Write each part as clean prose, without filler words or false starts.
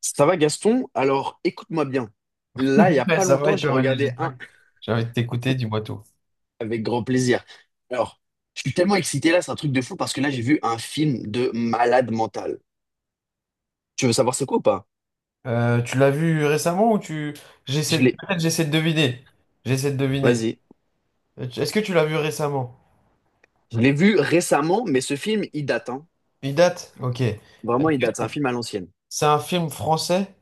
Ça va Gaston? Alors écoute-moi bien. Là, il n'y a Ouais, pas ça va? longtemps, Et j'ai toi, Mané? regardé J'espère un que j'ai envie de t'écouter, dis-moi tout. avec grand plaisir. Alors, je suis tellement excité là, c'est un truc de fou parce que là, j'ai vu un film de malade mental. Tu veux savoir c'est quoi ou pas? Tu l'as vu récemment ou tu... J'essaie Je de... l'ai, Peut-être j'essaie de deviner. J'essaie de deviner. vas-y. Est-ce que tu l'as vu récemment? Je l'ai vu récemment, mais ce film, il date, hein. Il date? Ok. Vraiment, il Est-ce date. C'est que un film à l'ancienne. c'est un film français?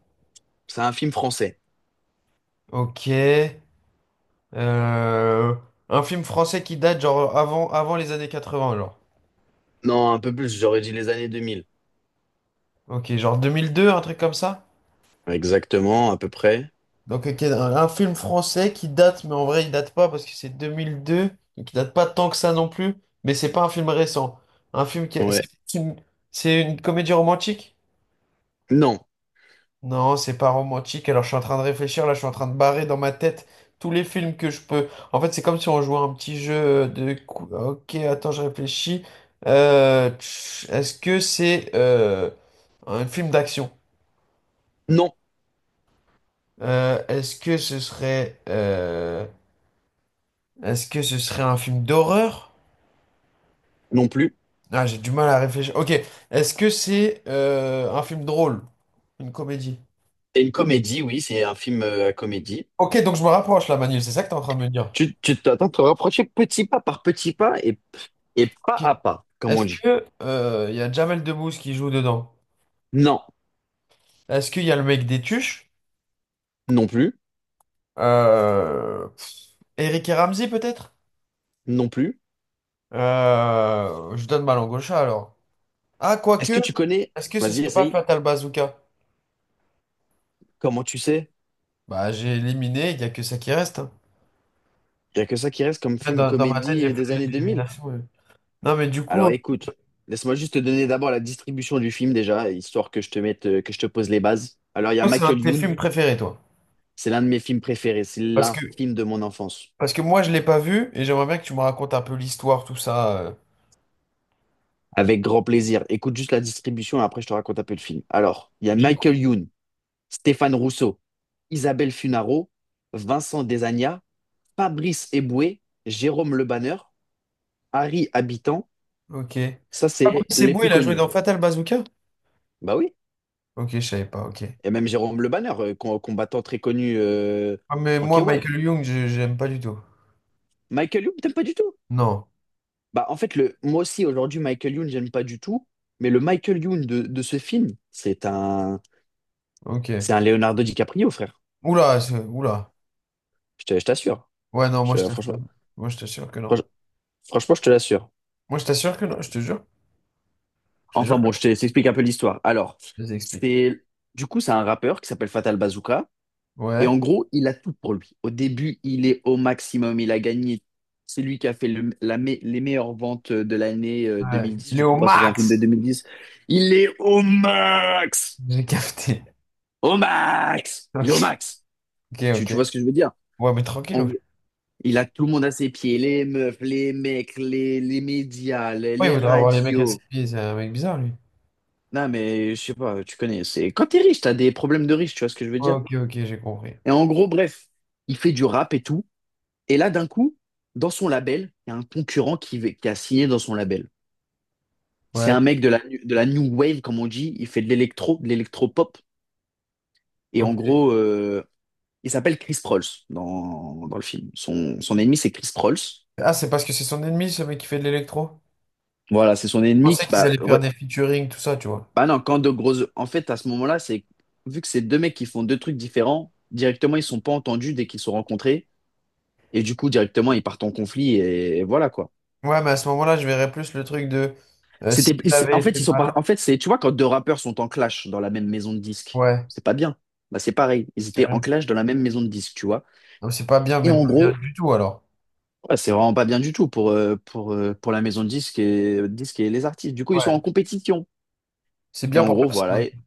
C'est un film français. Ok. Euh, Un film français qui date genre avant les années 80, genre. Non, un peu plus, j'aurais dit les années 2000. Ok, genre 2002, un truc comme ça? Exactement, à peu près. Donc, ok, un film français qui date, mais en vrai, il date pas parce que c'est 2002, donc il date pas tant que ça non plus, mais c'est pas un film récent. Un film qui. A- Ouais. C'est c'est une comédie romantique? Non, Non, c'est pas romantique. Alors, je suis en train de réfléchir, là, je suis en train de barrer dans ma tête tous les films que je peux. En fait, c'est comme si on jouait à un petit Ok, attends, je réfléchis. Est-ce que c'est un film d'action? non, Euh, est-ce que ce serait. euh, Est-ce que ce serait un film d'horreur? non plus. Ah, j'ai du mal à réfléchir. Ok, est-ce que c'est un film drôle? Une comédie? C'est une comédie, oui, c'est un film à comédie. Ok, donc je me rapproche là, Manil, c'est ça que t'es en train de me dire. Tu t'attends de te rapprocher petit pas par petit pas et, et pas Ok. à pas, comme on Est-ce dit. que il y a Jamel Debbouze qui joue dedans? Non, Est-ce qu'il y a le mec des Tuches? non plus, Eric et Ramzy peut-être? non plus. Je donne ma langue au chat alors. Ah, Est-ce quoique, que tu connais, est-ce que ce vas-y, serait pas essaye, Fatal Bazooka? comment tu sais? Bah, j'ai éliminé, il y a que ça qui reste, hein. Il n'y a que ça qui reste comme Là, film Dans, dans ma tête, j'ai comédie fait des années 2000. l'élimination, ouais. Non, mais du coup, Alors écoute, laisse-moi juste te donner d'abord la distribution du film déjà, histoire que je te mette, que je te pose les bases. Alors il y a toi, c'est un de Michael tes Youn, films préférés, toi. c'est l'un de mes films préférés, c'est Parce l'un que, film de mon enfance. Parce que moi, je l'ai pas vu et j'aimerais bien que tu me racontes un peu l'histoire, tout ça, Avec grand plaisir. Écoute juste la distribution et après je te raconte un peu le film. Alors, il y a J'ai- Michael Youn, Stéphane Rousseau, Isabelle Funaro, Vincent Desagna, Fabrice Eboué, Jérôme Le Banner, Harry Habitant, Ok. ça Ah, c'est Brice les Eboué, plus il a joué connus. dans Fatal Bazooka? Bah oui, Ok, je savais pas, ok. et même Jérôme Le Banner, combattant très connu Ah, mais en moi, K1. Michael Young, j'aime pas du tout. Michael Youn, t'aimes pas du tout? Non, Bah en fait, moi aussi aujourd'hui, Michael Youn, j'aime pas du tout, mais le Michael Youn de ce film, c'est un, ok. c'est un Leonardo DiCaprio, frère. Oula, oula. Je t'assure. Ouais, non, moi, je Je- Franchement, t'assure. Moi, je t'assure que non. franch- franchement, je te l'assure. Moi, je t'assure que non, je te jure. Je te Enfin jure que bon, je non. te- je t'explique un peu l'histoire. Alors, Je t'explique. c'est du coup, c'est un rappeur qui s'appelle Fatal Bazooka. Et Ouais. en gros, il a tout pour lui. Au début, il est au maximum, il a gagné. C'est lui qui a fait les meilleures ventes de l'année Ouais. 2010, Il est du coup, au parce que c'est un film de max! 2010. Il est au max! J'ai capté. Au max! Il est au max! Ok, Tu, ok, ok. tu vois ce que je veux dire? Ouais, mais tranquille. En Ouais, gros, il a tout le monde à ses pieds, les meufs, les mecs, les médias, les ouais, il les voudra avoir les mecs à ses radios. pieds, c'est un mec bizarre, lui. Non, mais je sais pas, tu connais. C'est quand t'es riche, t'as des problèmes de riche, tu vois ce que je veux dire? Ok, ok, j'ai compris. Et en gros, bref, il fait du rap et tout. Et là, d'un coup, dans son label, il y a un concurrent qui a signé dans son label. C'est Ouais, un mec de la new wave, comme on dit. Il fait de l'électro, de l'électro-pop. Et en ok. gros, il s'appelle Chris Prolls dans le film. Son ennemi, c'est Chris Prolls. Ah, c'est parce que c'est son ennemi, ce mec qui fait de l'électro? Voilà, c'est son Je ennemi. pensais qu'ils Bah, allaient faire ouais. des featuring, tout ça, tu vois. Bah non, quand de grosses. En fait, à ce moment-là, c'est vu que c'est deux mecs qui font deux trucs différents, directement, ils sont pas entendus dès qu'ils se sont rencontrés. Et du coup, directement, ils partent en conflit et voilà quoi. Ouais, mais à ce moment-là, je verrais plus le truc de s'ils avaient En fait, été malins. en fait, c'est, tu vois, quand deux rappeurs sont en clash dans la même maison de disques, Ouais, c'est pas bien. Bah, c'est pareil. Ils étaient en carrément. clash dans la même maison de disques, tu vois. Non, c'est pas bien, Et mais en pas gros, bien du tout, alors. ouais, c'est vraiment pas bien du tout pour, pour la maison de disques et les artistes. Du coup, ils sont Ouais, en compétition. c'est Et bien en pour gros, voilà. personne. Et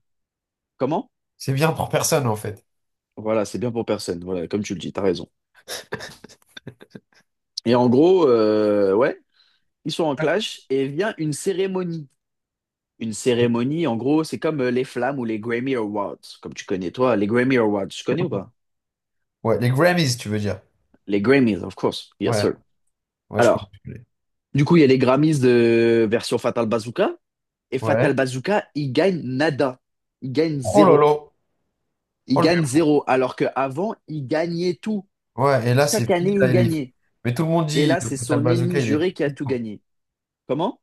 comment? C'est bien pour personne, en fait. Voilà, c'est bien pour personne. Voilà, comme tu le dis, t'as raison. Et en gros, ouais, ils sont en clash et vient une cérémonie. Une cérémonie. En gros, c'est comme les flammes ou les Grammy Awards, comme tu connais toi. Les Grammy Awards, tu connais ou Ouais, pas? ouais, les Grammys, tu veux dire. Les Grammys, of course. Yes, Ouais, sir. ouais, je connais, Alors, je connais. du coup, il y a les Grammys de version Fatal Bazooka. Et Fatal Ouais. Bazooka, il gagne nada. Il gagne Oh zéro. lolo. Il Oh le gagne vieux. zéro. Alors qu'avant, il gagnait tout. Ouais, et là, c'est Chaque fini, année, là, il il est... gagnait. Mais tout le monde Et dit, là, le c'est Fatal son Bazooka, ennemi il est juré qui a fini. tout gagné. Comment?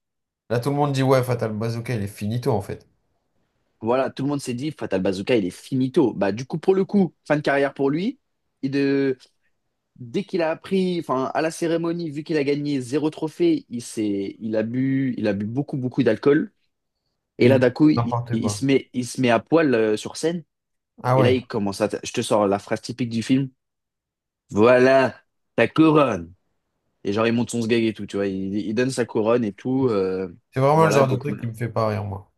Là, tout le monde dit, ouais, Fatal Bazooka, il est finito, en fait. Voilà, tout le monde s'est dit, Fatal Bazooka, il est finito. Bah, du coup, pour le coup, fin de carrière pour lui. Dès qu'il a appris, enfin, à la cérémonie, vu qu'il a gagné zéro trophée, il a bu beaucoup, beaucoup d'alcool. Et Et il a là, fait d'un coup, il, n'importe il quoi. se met, il se met à poil sur scène. Ah Et là, ouais. il commence à, je te sors la phrase typique du film. Voilà ta couronne. Et genre, il monte son sgeg et tout, tu vois. Il donne sa couronne et tout. C'est vraiment le Voilà, genre de donc. truc qui me fait pas rire, moi.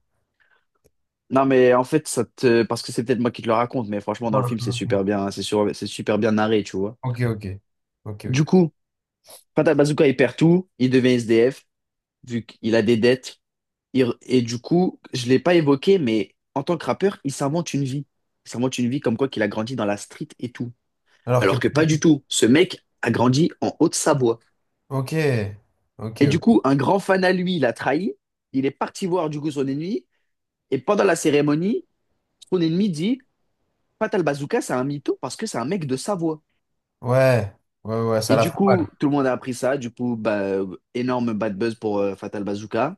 Non, mais en fait, parce que c'est peut-être moi qui te le raconte, mais franchement, dans le Ah, film, c'est ah. super bien, hein, c'est super bien narré, tu vois. Ok, ok. Ok, Du ok. coup, Fatal Bazooka, il perd tout. Il devient SDF, vu qu'il a des dettes. Et du coup, je l'ai pas évoqué, mais en tant que rappeur, il s'invente une vie. Il s'invente une vie comme quoi qu'il a grandi dans la street et tout. Alors que. Alors que pas du tout. Ce mec a grandi en Haute-Savoie. Ok. Ok, Et du ok. coup, un grand fan à lui l'a trahi. Il est parti voir du coup son ennemi. Et pendant la cérémonie, son ennemi dit, Fatal Bazooka, c'est un mytho parce que c'est un mec de Savoie. Ouais. Ouais, ouais, ouais, ça Et la du fout mal. coup, tout le monde a appris ça. Du coup, bah, énorme bad buzz pour Fatal Bazooka.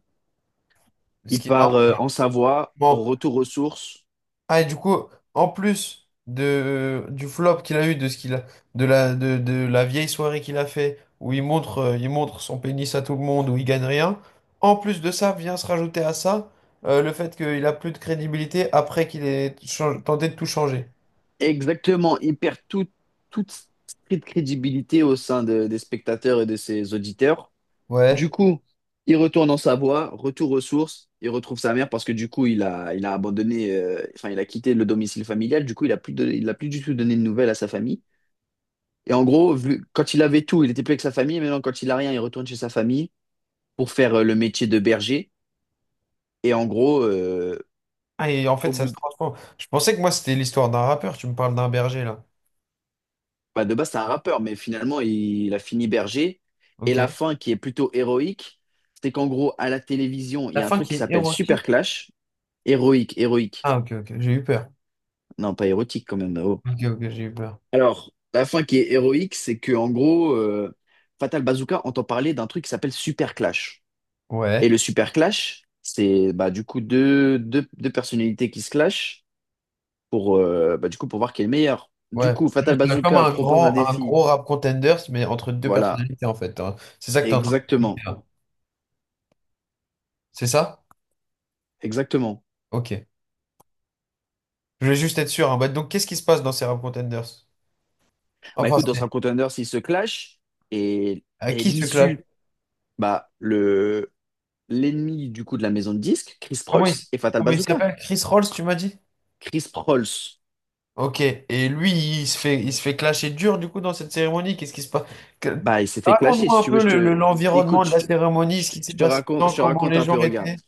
Ce Il qui, part en Savoie, au normalement, retour aux sources. ah, et du coup, en plus du flop qu'il a eu, de ce qu'il a, de la vieille soirée qu'il a fait, où il montre son pénis à tout le monde, où il gagne rien, en plus de ça, vient se rajouter à ça, le fait qu'il a plus de crédibilité après qu'il ait tenté de tout changer. Exactement, il perd toute street crédibilité au sein des spectateurs et de ses auditeurs. Ouais. Du coup, il retourne en Savoie, retour aux sources, il retrouve sa mère parce que du coup, il a abandonné, enfin, il a quitté le domicile familial, du coup, il a plus du tout donné de nouvelles à sa famille. Et en gros, quand il avait tout, il était plus avec sa famille, maintenant, quand il a rien, il retourne chez sa famille pour faire le métier de berger. Et en gros, Ah, et en au fait, ça se bout, transforme. Je pensais que moi, c'était l'histoire d'un rappeur, tu me parles d'un berger, là. bah, de base, c'est un rappeur, mais finalement, il a fini berger. Et la Ok. fin, qui est plutôt héroïque, c'est qu'en gros, à la télévision, il La y a un fin truc qui qui est s'appelle Super érotique. Clash. Héroïque, héroïque. Ah, ok, ok, j'ai eu peur. Non, pas érotique quand même. Oh. Ok, ok, j'ai eu peur. Alors, la fin qui est héroïque, c'est que en gros, Fatal Bazooka entend parler d'un truc qui s'appelle Super Clash. Et Ouais. le Super Clash, c'est bah, du coup deux personnalités qui se clashent bah, du coup, pour voir qui est le meilleur. Du Ouais. coup, Fatal Juste, comme Bazooka un propose un grand, un défi. gros rap contenders, mais entre deux Voilà, personnalités, en fait, hein. C'est ça que t'es en train de m'expliquer, exactement. là. C'est ça? Exactement. Ok. Je voulais juste être sûr, hein. Bah, donc, qu'est-ce qui se passe dans ces rap contenders? Bah Enfin, écoute, dans c'est un contender, s'ils se clashent et, à et qui se clash? l'issue, bah le l'ennemi du coup de la maison de disques, Chris Comment Prolls il, s- et Fatal Comment il Bazooka. s'appelle? Chris Rolls, tu m'as dit? Chris Prolls, Ok. Et lui, il se fait clasher dur, du coup, dans cette cérémonie. Qu'est-ce qui se passe? Que- bah il s'est fait clasher. Raconte-moi Si un tu veux, peu je te l'environnement écoute, de je la te, cérémonie, je ce te- qui s'est passé, je te comment raconte les un gens peu. Regarde. étaient.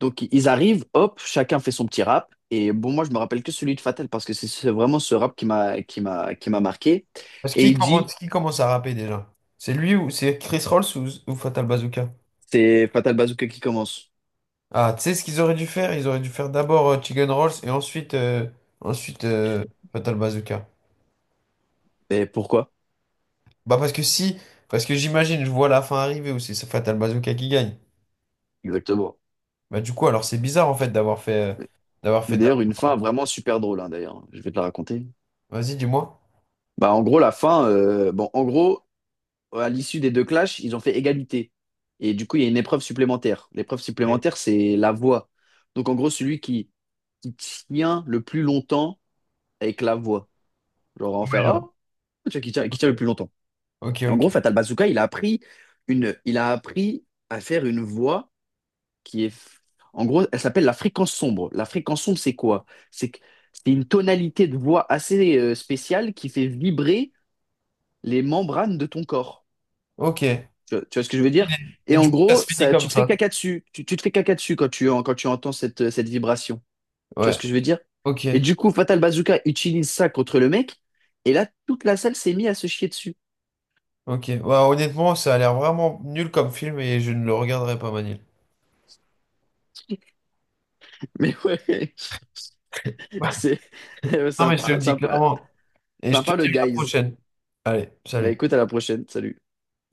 Donc ils arrivent, hop, chacun fait son petit rap. Et bon, moi je me rappelle que celui de Fatal parce que c'est vraiment ce rap qui m'a marqué. Parce Et il dit, qui commence à rapper déjà? C'est lui ou c'est Chris Rolls ou Fatal Bazooka? c'est Fatal Bazooka qui commence. Ah, tu sais ce qu'ils auraient dû faire? Ils auraient dû faire d'abord Chicken Rolls et ensuite, ensuite euh, Fatal Bazooka. Et pourquoi? Bah parce que si, parce que j'imagine, je vois la fin arriver où c'est ce Fatal Bazooka qui gagne. Exactement. Bah du coup, alors c'est bizarre en fait d'avoir fait, d'avoir fait Mais d'ailleurs, d'abord, une fin vraiment super drôle, hein, d'ailleurs. Je vais te la raconter. vas-y, dis-moi. Bah, en gros, la fin, bon, en gros, à l'issue des deux clashs, ils ont fait égalité. Et du coup, il y a une épreuve supplémentaire. L'épreuve Ok, supplémentaire, c'est la voix. Donc, en gros, celui qui tient le plus longtemps avec la voix. Genre, en ouais, faire, ah, genre, tu vois, qui tient, qui ok, tient le plus longtemps. Et en ok. gros, Fatal Bazooka, il a appris il a appris à faire une voix qui est, en gros, elle s'appelle la fréquence sombre. La fréquence sombre, c'est quoi? C'est que- c'est une tonalité de voix assez spéciale qui fait vibrer les membranes de ton corps. Ok. Ok. Tu vois ce que je veux dire? Et Et en du coup, ça gros, se finit ça, tu comme te fais ça. caca dessus. Tu te fais caca dessus quand tu entends cette vibration. Tu vois ce Ouais, que je veux dire? ok, Et du coup, Fatal Bazooka utilise ça contre le mec. Et là, toute la salle s'est mise à se chier dessus. ok. Bah, honnêtement, ça a l'air vraiment nul comme film et je ne le regarderai pas, Manil. Mais ouais, c'est Non, mais je te le sympa, dis sympa, clairement. Et je te sympa dis le à la guys. prochaine. Allez, Bah écoute, salut. à la prochaine. Salut.